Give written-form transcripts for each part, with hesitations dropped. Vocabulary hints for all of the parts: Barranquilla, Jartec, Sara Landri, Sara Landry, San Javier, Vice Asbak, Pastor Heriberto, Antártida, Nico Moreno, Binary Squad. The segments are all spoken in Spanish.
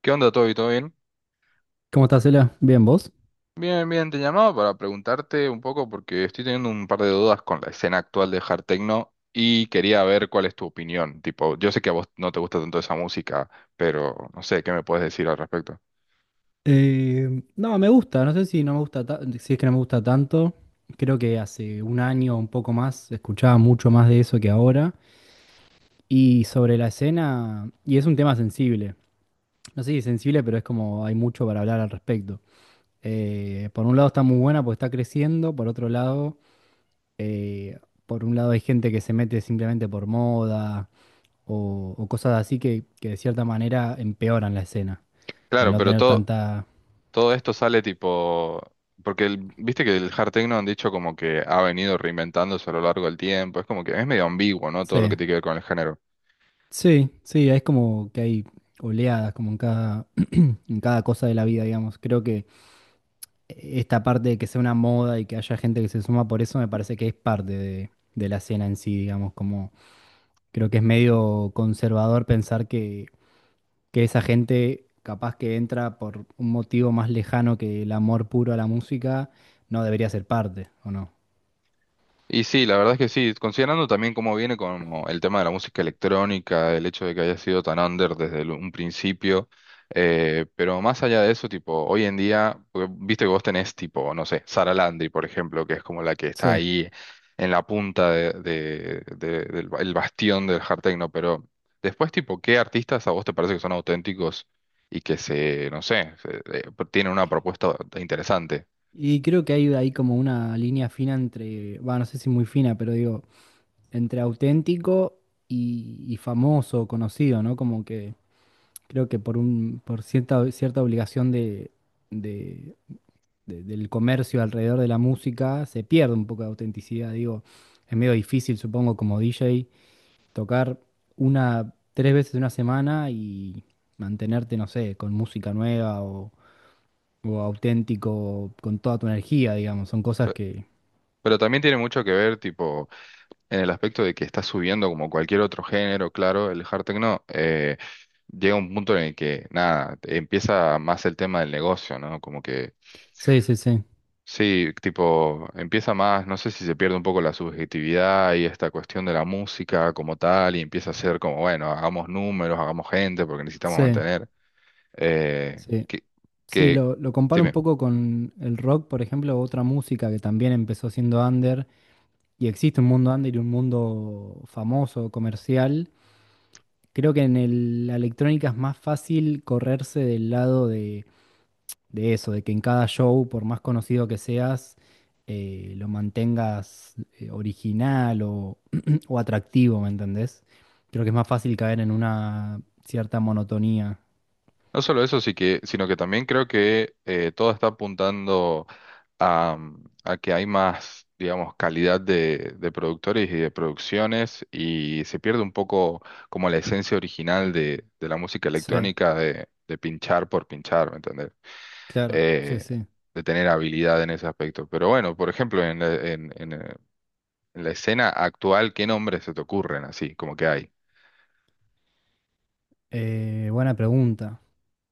¿Qué onda, Toby? ¿Todo bien? ¿Cómo estás, Cela? Bien, ¿vos? Bien, bien, te llamaba para preguntarte un poco porque estoy teniendo un par de dudas con la escena actual de hard techno y quería ver cuál es tu opinión. Tipo, yo sé que a vos no te gusta tanto esa música, pero no sé, ¿qué me puedes decir al respecto? No, me gusta, no sé si no me gusta si es que no me gusta tanto. Creo que hace un año o un poco más escuchaba mucho más de eso que ahora. Y sobre la escena, y es un tema sensible. No sé si sensible, pero es como hay mucho para hablar al respecto. Por un lado está muy buena porque está creciendo, por otro lado, eh, por un lado hay gente que se mete simplemente por moda o cosas así que de cierta manera empeoran la escena al Claro, no pero tener todo, tanta... todo esto sale tipo, porque viste que el hard techno han dicho como que ha venido reinventándose a lo largo del tiempo, es como que es medio ambiguo, ¿no? Todo lo Sí. que tiene que ver con el género. Sí, sí, es como que hay oleadas, como en cada cosa de la vida, digamos. Creo que esta parte de que sea una moda y que haya gente que se suma por eso me parece que es parte de la escena en sí, digamos, como creo que es medio conservador pensar que esa gente capaz que entra por un motivo más lejano que el amor puro a la música, no debería ser parte, ¿o no? Y sí, la verdad es que sí, considerando también cómo viene como el tema de la música electrónica, el hecho de que haya sido tan under desde un principio, pero más allá de eso, tipo, hoy en día, porque viste que vos tenés tipo, no sé, Sara Landry, por ejemplo, que es como la que Sí. está ahí en la punta del el bastión del hard techno, pero después, tipo, ¿qué artistas a vos te parece que son auténticos y que se, no sé, tienen una propuesta interesante? Y creo que hay ahí como una línea fina entre, va, no sé si muy fina, pero digo entre auténtico y famoso, conocido, ¿no? Como que creo que por cierta obligación de, de- del comercio alrededor de la música, se pierde un poco de autenticidad. Digo, es medio difícil, supongo, como DJ, tocar una, tres veces en una semana y mantenerte, no sé, con música nueva o, auténtico, con toda tu energía, digamos. Son cosas que. Pero también tiene mucho que ver, tipo, en el aspecto de que está subiendo como cualquier otro género, claro, el hard techno llega un punto en el que, nada, empieza más el tema del negocio, ¿no? Como que, Sí, sí, sí. sí, tipo, empieza más, no sé si se pierde un poco la subjetividad y esta cuestión de la música como tal, y empieza a ser como, bueno, hagamos números, hagamos gente, porque necesitamos Sí, mantener, eh, sí. que, Sí, que, lo comparo un dime. poco con el rock, por ejemplo, otra música que también empezó siendo under y existe un mundo under y un mundo famoso, comercial. Creo que la electrónica es más fácil correrse del lado de eso, de que en cada show, por más conocido que seas, lo mantengas original o, o atractivo, ¿me entendés? Creo que es más fácil caer en una cierta monotonía. No solo eso, sí que, sino que también creo que todo está apuntando a, a que hay más, digamos, calidad de productores y de producciones y se pierde un poco como la esencia original de la música Sí, electrónica de pinchar por pinchar, ¿me entendés? claro, sí, Eh, sí. de tener habilidad en ese aspecto. Pero bueno, por ejemplo, en la escena actual, ¿qué nombres se te ocurren así, como que hay? Buena pregunta.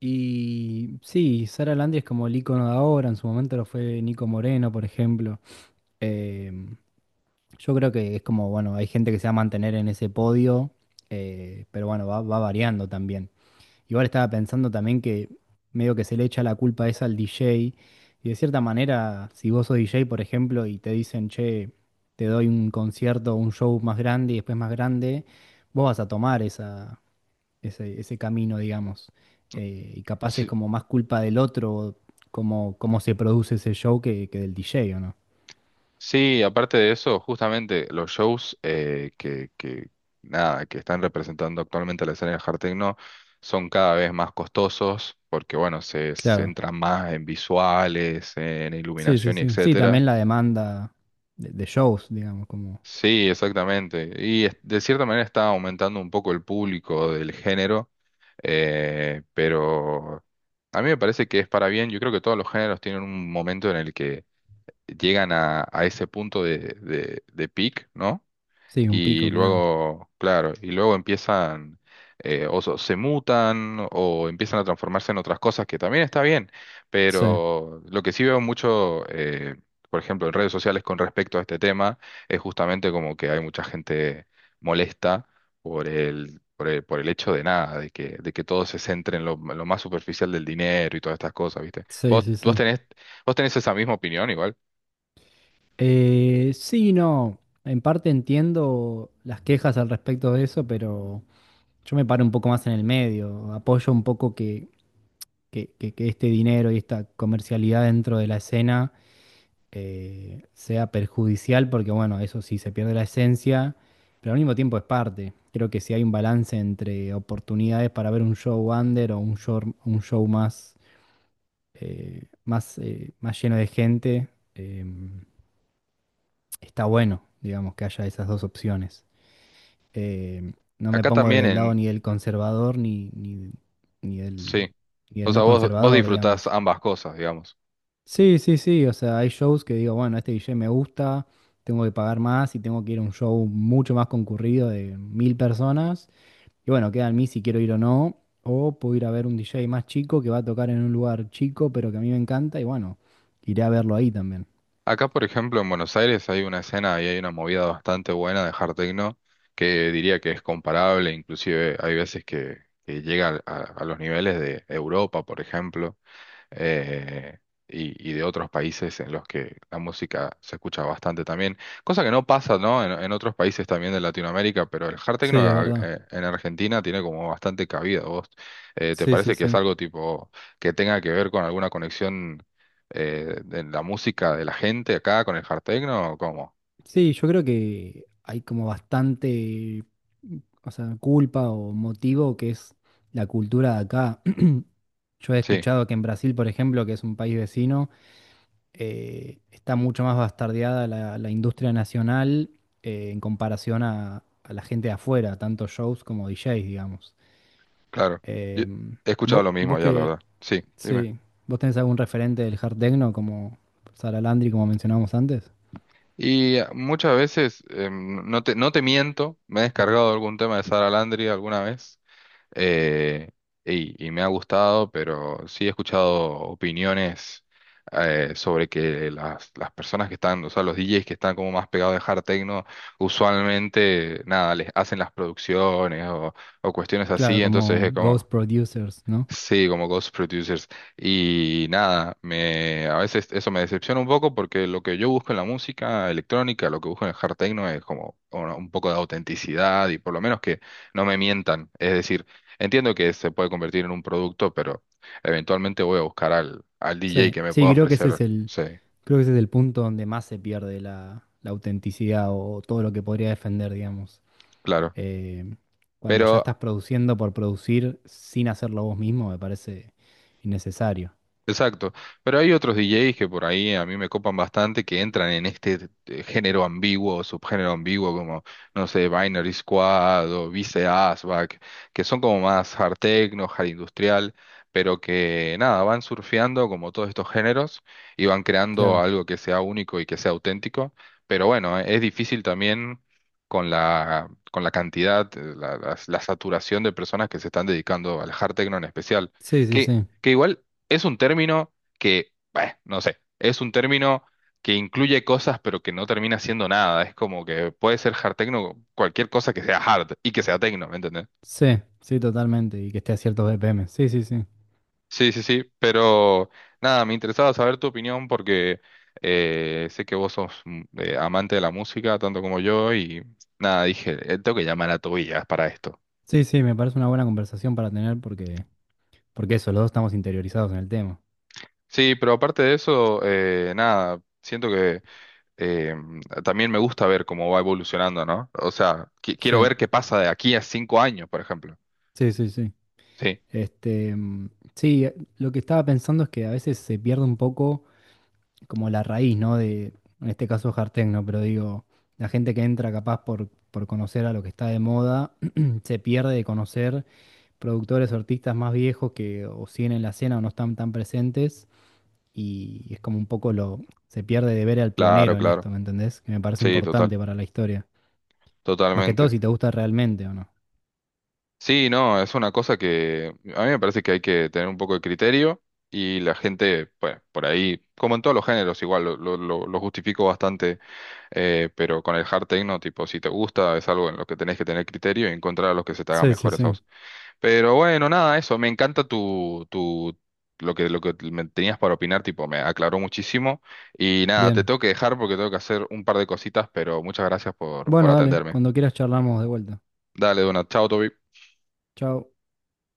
Y sí, Sara Landri es como el icono de ahora, en su momento lo fue Nico Moreno, por ejemplo. Em, yo creo que es como, bueno, hay gente que se va a mantener en ese podio, pero bueno, va variando también. Igual estaba pensando también que medio que se le echa la culpa esa al DJ, y de cierta manera, si vos sos DJ, por ejemplo, y te dicen, che, te doy un concierto, un show más grande y después más grande, vos vas a tomar ese camino, digamos. Y capaz es como más culpa del otro, cómo se produce ese show que del DJ, ¿o no? Sí, aparte de eso, justamente los shows nada, que están representando actualmente la escena del hard techno son cada vez más costosos porque, bueno, se Claro. centran más en visuales, en Sí, sí, iluminación y sí. Sí, etcétera. también la demanda de shows, digamos, como... Sí, exactamente. De cierta manera está aumentando un poco el público del género, pero a mí me parece que es para bien. Yo creo que todos los géneros tienen un momento en el que llegan a ese punto de peak, ¿no? Sí, un Y pico, claro. luego, claro, y luego empiezan, se mutan o empiezan a transformarse en otras cosas, que también está bien, Sí, pero lo que sí veo mucho, por ejemplo, en redes sociales con respecto a este tema, es justamente como que hay mucha gente molesta por el hecho de nada, de que todo se centre en lo más superficial del dinero y todas estas cosas, ¿viste? sí, sí, sí. ¿Vos tenés esa misma opinión igual? Sí, no. En parte entiendo las quejas al respecto de eso, pero yo me paro un poco más en el medio. Apoyo un poco que, que este dinero y esta comercialidad dentro de la escena sea perjudicial, porque bueno, eso sí, se pierde la esencia, pero al mismo tiempo es parte. Creo que si hay un balance entre oportunidades para ver un show under o un show más, más, más lleno de gente, em, está bueno, digamos, que haya esas dos opciones. Em, no me Acá pongo también del lado en... ni del conservador ni del, Sí. ni O del sea, no vos conservador, disfrutás digamos. ambas cosas, digamos. Sí, sí, sí, o sea, hay shows que digo, bueno, este DJ me gusta, tengo que pagar más y tengo que ir a un show mucho más concurrido de 1.000 personas. Y bueno, queda en mí si quiero ir o no. O puedo ir a ver un DJ más chico que va a tocar en un lugar chico, pero que a mí me encanta y bueno, iré a verlo ahí también. Acá, por ejemplo, en Buenos Aires hay una escena y hay una movida bastante buena de hard techno que diría que es comparable, inclusive hay veces que llega a los niveles de Europa, por ejemplo. eh, y, y de otros países en los que la música se escucha bastante también, cosa que no pasa, ¿no? En otros países también de Latinoamérica, pero el hard Sí, techno es verdad. En Argentina tiene como bastante cabida. ¿Vos te Sí, sí, parece que es sí. algo tipo que tenga que ver con alguna conexión de la música de la gente acá con el hard techno o cómo? Sí, yo creo que hay como bastante, o sea, culpa o motivo que es la cultura de acá. Yo he Sí, escuchado que en Brasil, por ejemplo, que es un país vecino, está mucho más bastardeada la industria nacional en comparación a la gente de afuera, tanto shows como DJs, digamos. claro. Yo Em, he escuchado vos, lo mismo vos ya, la que, verdad. Sí, dime. sí, vos tenés algún referente del hard techno como Sara Landry, como mencionábamos antes. Y muchas veces, no te miento, me he descargado algún tema de Sara Landry alguna vez eh, y me ha gustado, pero sí he escuchado opiniones sobre que las personas que están, o sea, los DJs que están como más pegados de hard techno, usualmente, nada, les hacen las producciones o cuestiones Claro, así, entonces como es Ghost como, Producers, ¿no? Sí, como Ghost Producers. Y nada, me, a veces eso me decepciona un poco porque lo que yo busco en la música electrónica, lo que busco en el hard techno es como un poco de autenticidad y por lo menos que no me mientan. Es decir, entiendo que se puede convertir en un producto, pero eventualmente voy a buscar al DJ Sí, que me pueda sí, ofrecer. Sí, creo que ese es el punto donde más se pierde la autenticidad o todo lo que podría defender, digamos. claro. Eh, cuando ya Pero estás produciendo por producir sin hacerlo vos mismo, me parece innecesario. exacto, pero hay otros DJs que por ahí a mí me copan bastante que entran en este género ambiguo o subgénero ambiguo como, no sé, Binary Squad o Vice Asbak, que son como más hard techno, hard industrial, pero que nada, van surfeando como todos estos géneros y van creando Claro. algo que sea único y que sea auténtico, pero bueno, es difícil también con la cantidad, la saturación de personas que se están dedicando al hard techno en especial. Sí, sí, que sí. que igual es un término que, bueno, no sé, es un término que incluye cosas pero que no termina siendo nada. Es como que puede ser hard techno cualquier cosa que sea hard y que sea techno, ¿me entendés? Sí, sí, totalmente. Y que esté a ciertos BPM. Sí, sí, sí. Sí, sí, sí, pero nada, me interesaba saber tu opinión porque sé que vos sos amante de la música tanto como yo y nada, dije, tengo que llamar a Tobías para esto. Sí, sí, me parece una buena conversación para tener porque eso, los dos estamos interiorizados en el tema. Sí, pero aparte de eso, nada, siento que... eh, también me gusta ver cómo va evolucionando, ¿no? O sea, Sí, quiero ver qué pasa de aquí a 5 años, por ejemplo. sí, sí, sí. Sí, Este, sí, lo que estaba pensando es que a veces se pierde un poco como la raíz, ¿no? De, en este caso Jartec, ¿no? Pero digo, la gente que entra capaz por conocer a lo que está de moda, se pierde de conocer productores o artistas más viejos que o siguen en la escena o no están tan presentes. Y es como un poco lo, se pierde de ver al claro, pionero en claro. esto, ¿me entendés? Que me parece Sí, importante para la historia. Más que todo si totalmente. te gusta realmente o no. Sí, no, es una cosa que a mí me parece que hay que tener un poco de criterio y la gente, pues, por ahí, como en todos los géneros, igual lo, lo justifico bastante, pero con el hard techno, tipo, si te gusta, es algo en lo que tenés que tener criterio y encontrar a los que se te hagan Sí, sí, mejores a sí. vos. Pero bueno, nada, eso. Me encanta lo que me tenías para opinar, tipo, me aclaró muchísimo. Y nada, te Bien. tengo que dejar porque tengo que hacer un par de cositas, pero muchas gracias por Bueno, dale, atenderme. cuando quieras charlamos de vuelta. Dale, Dona, chao, Toby. Chao.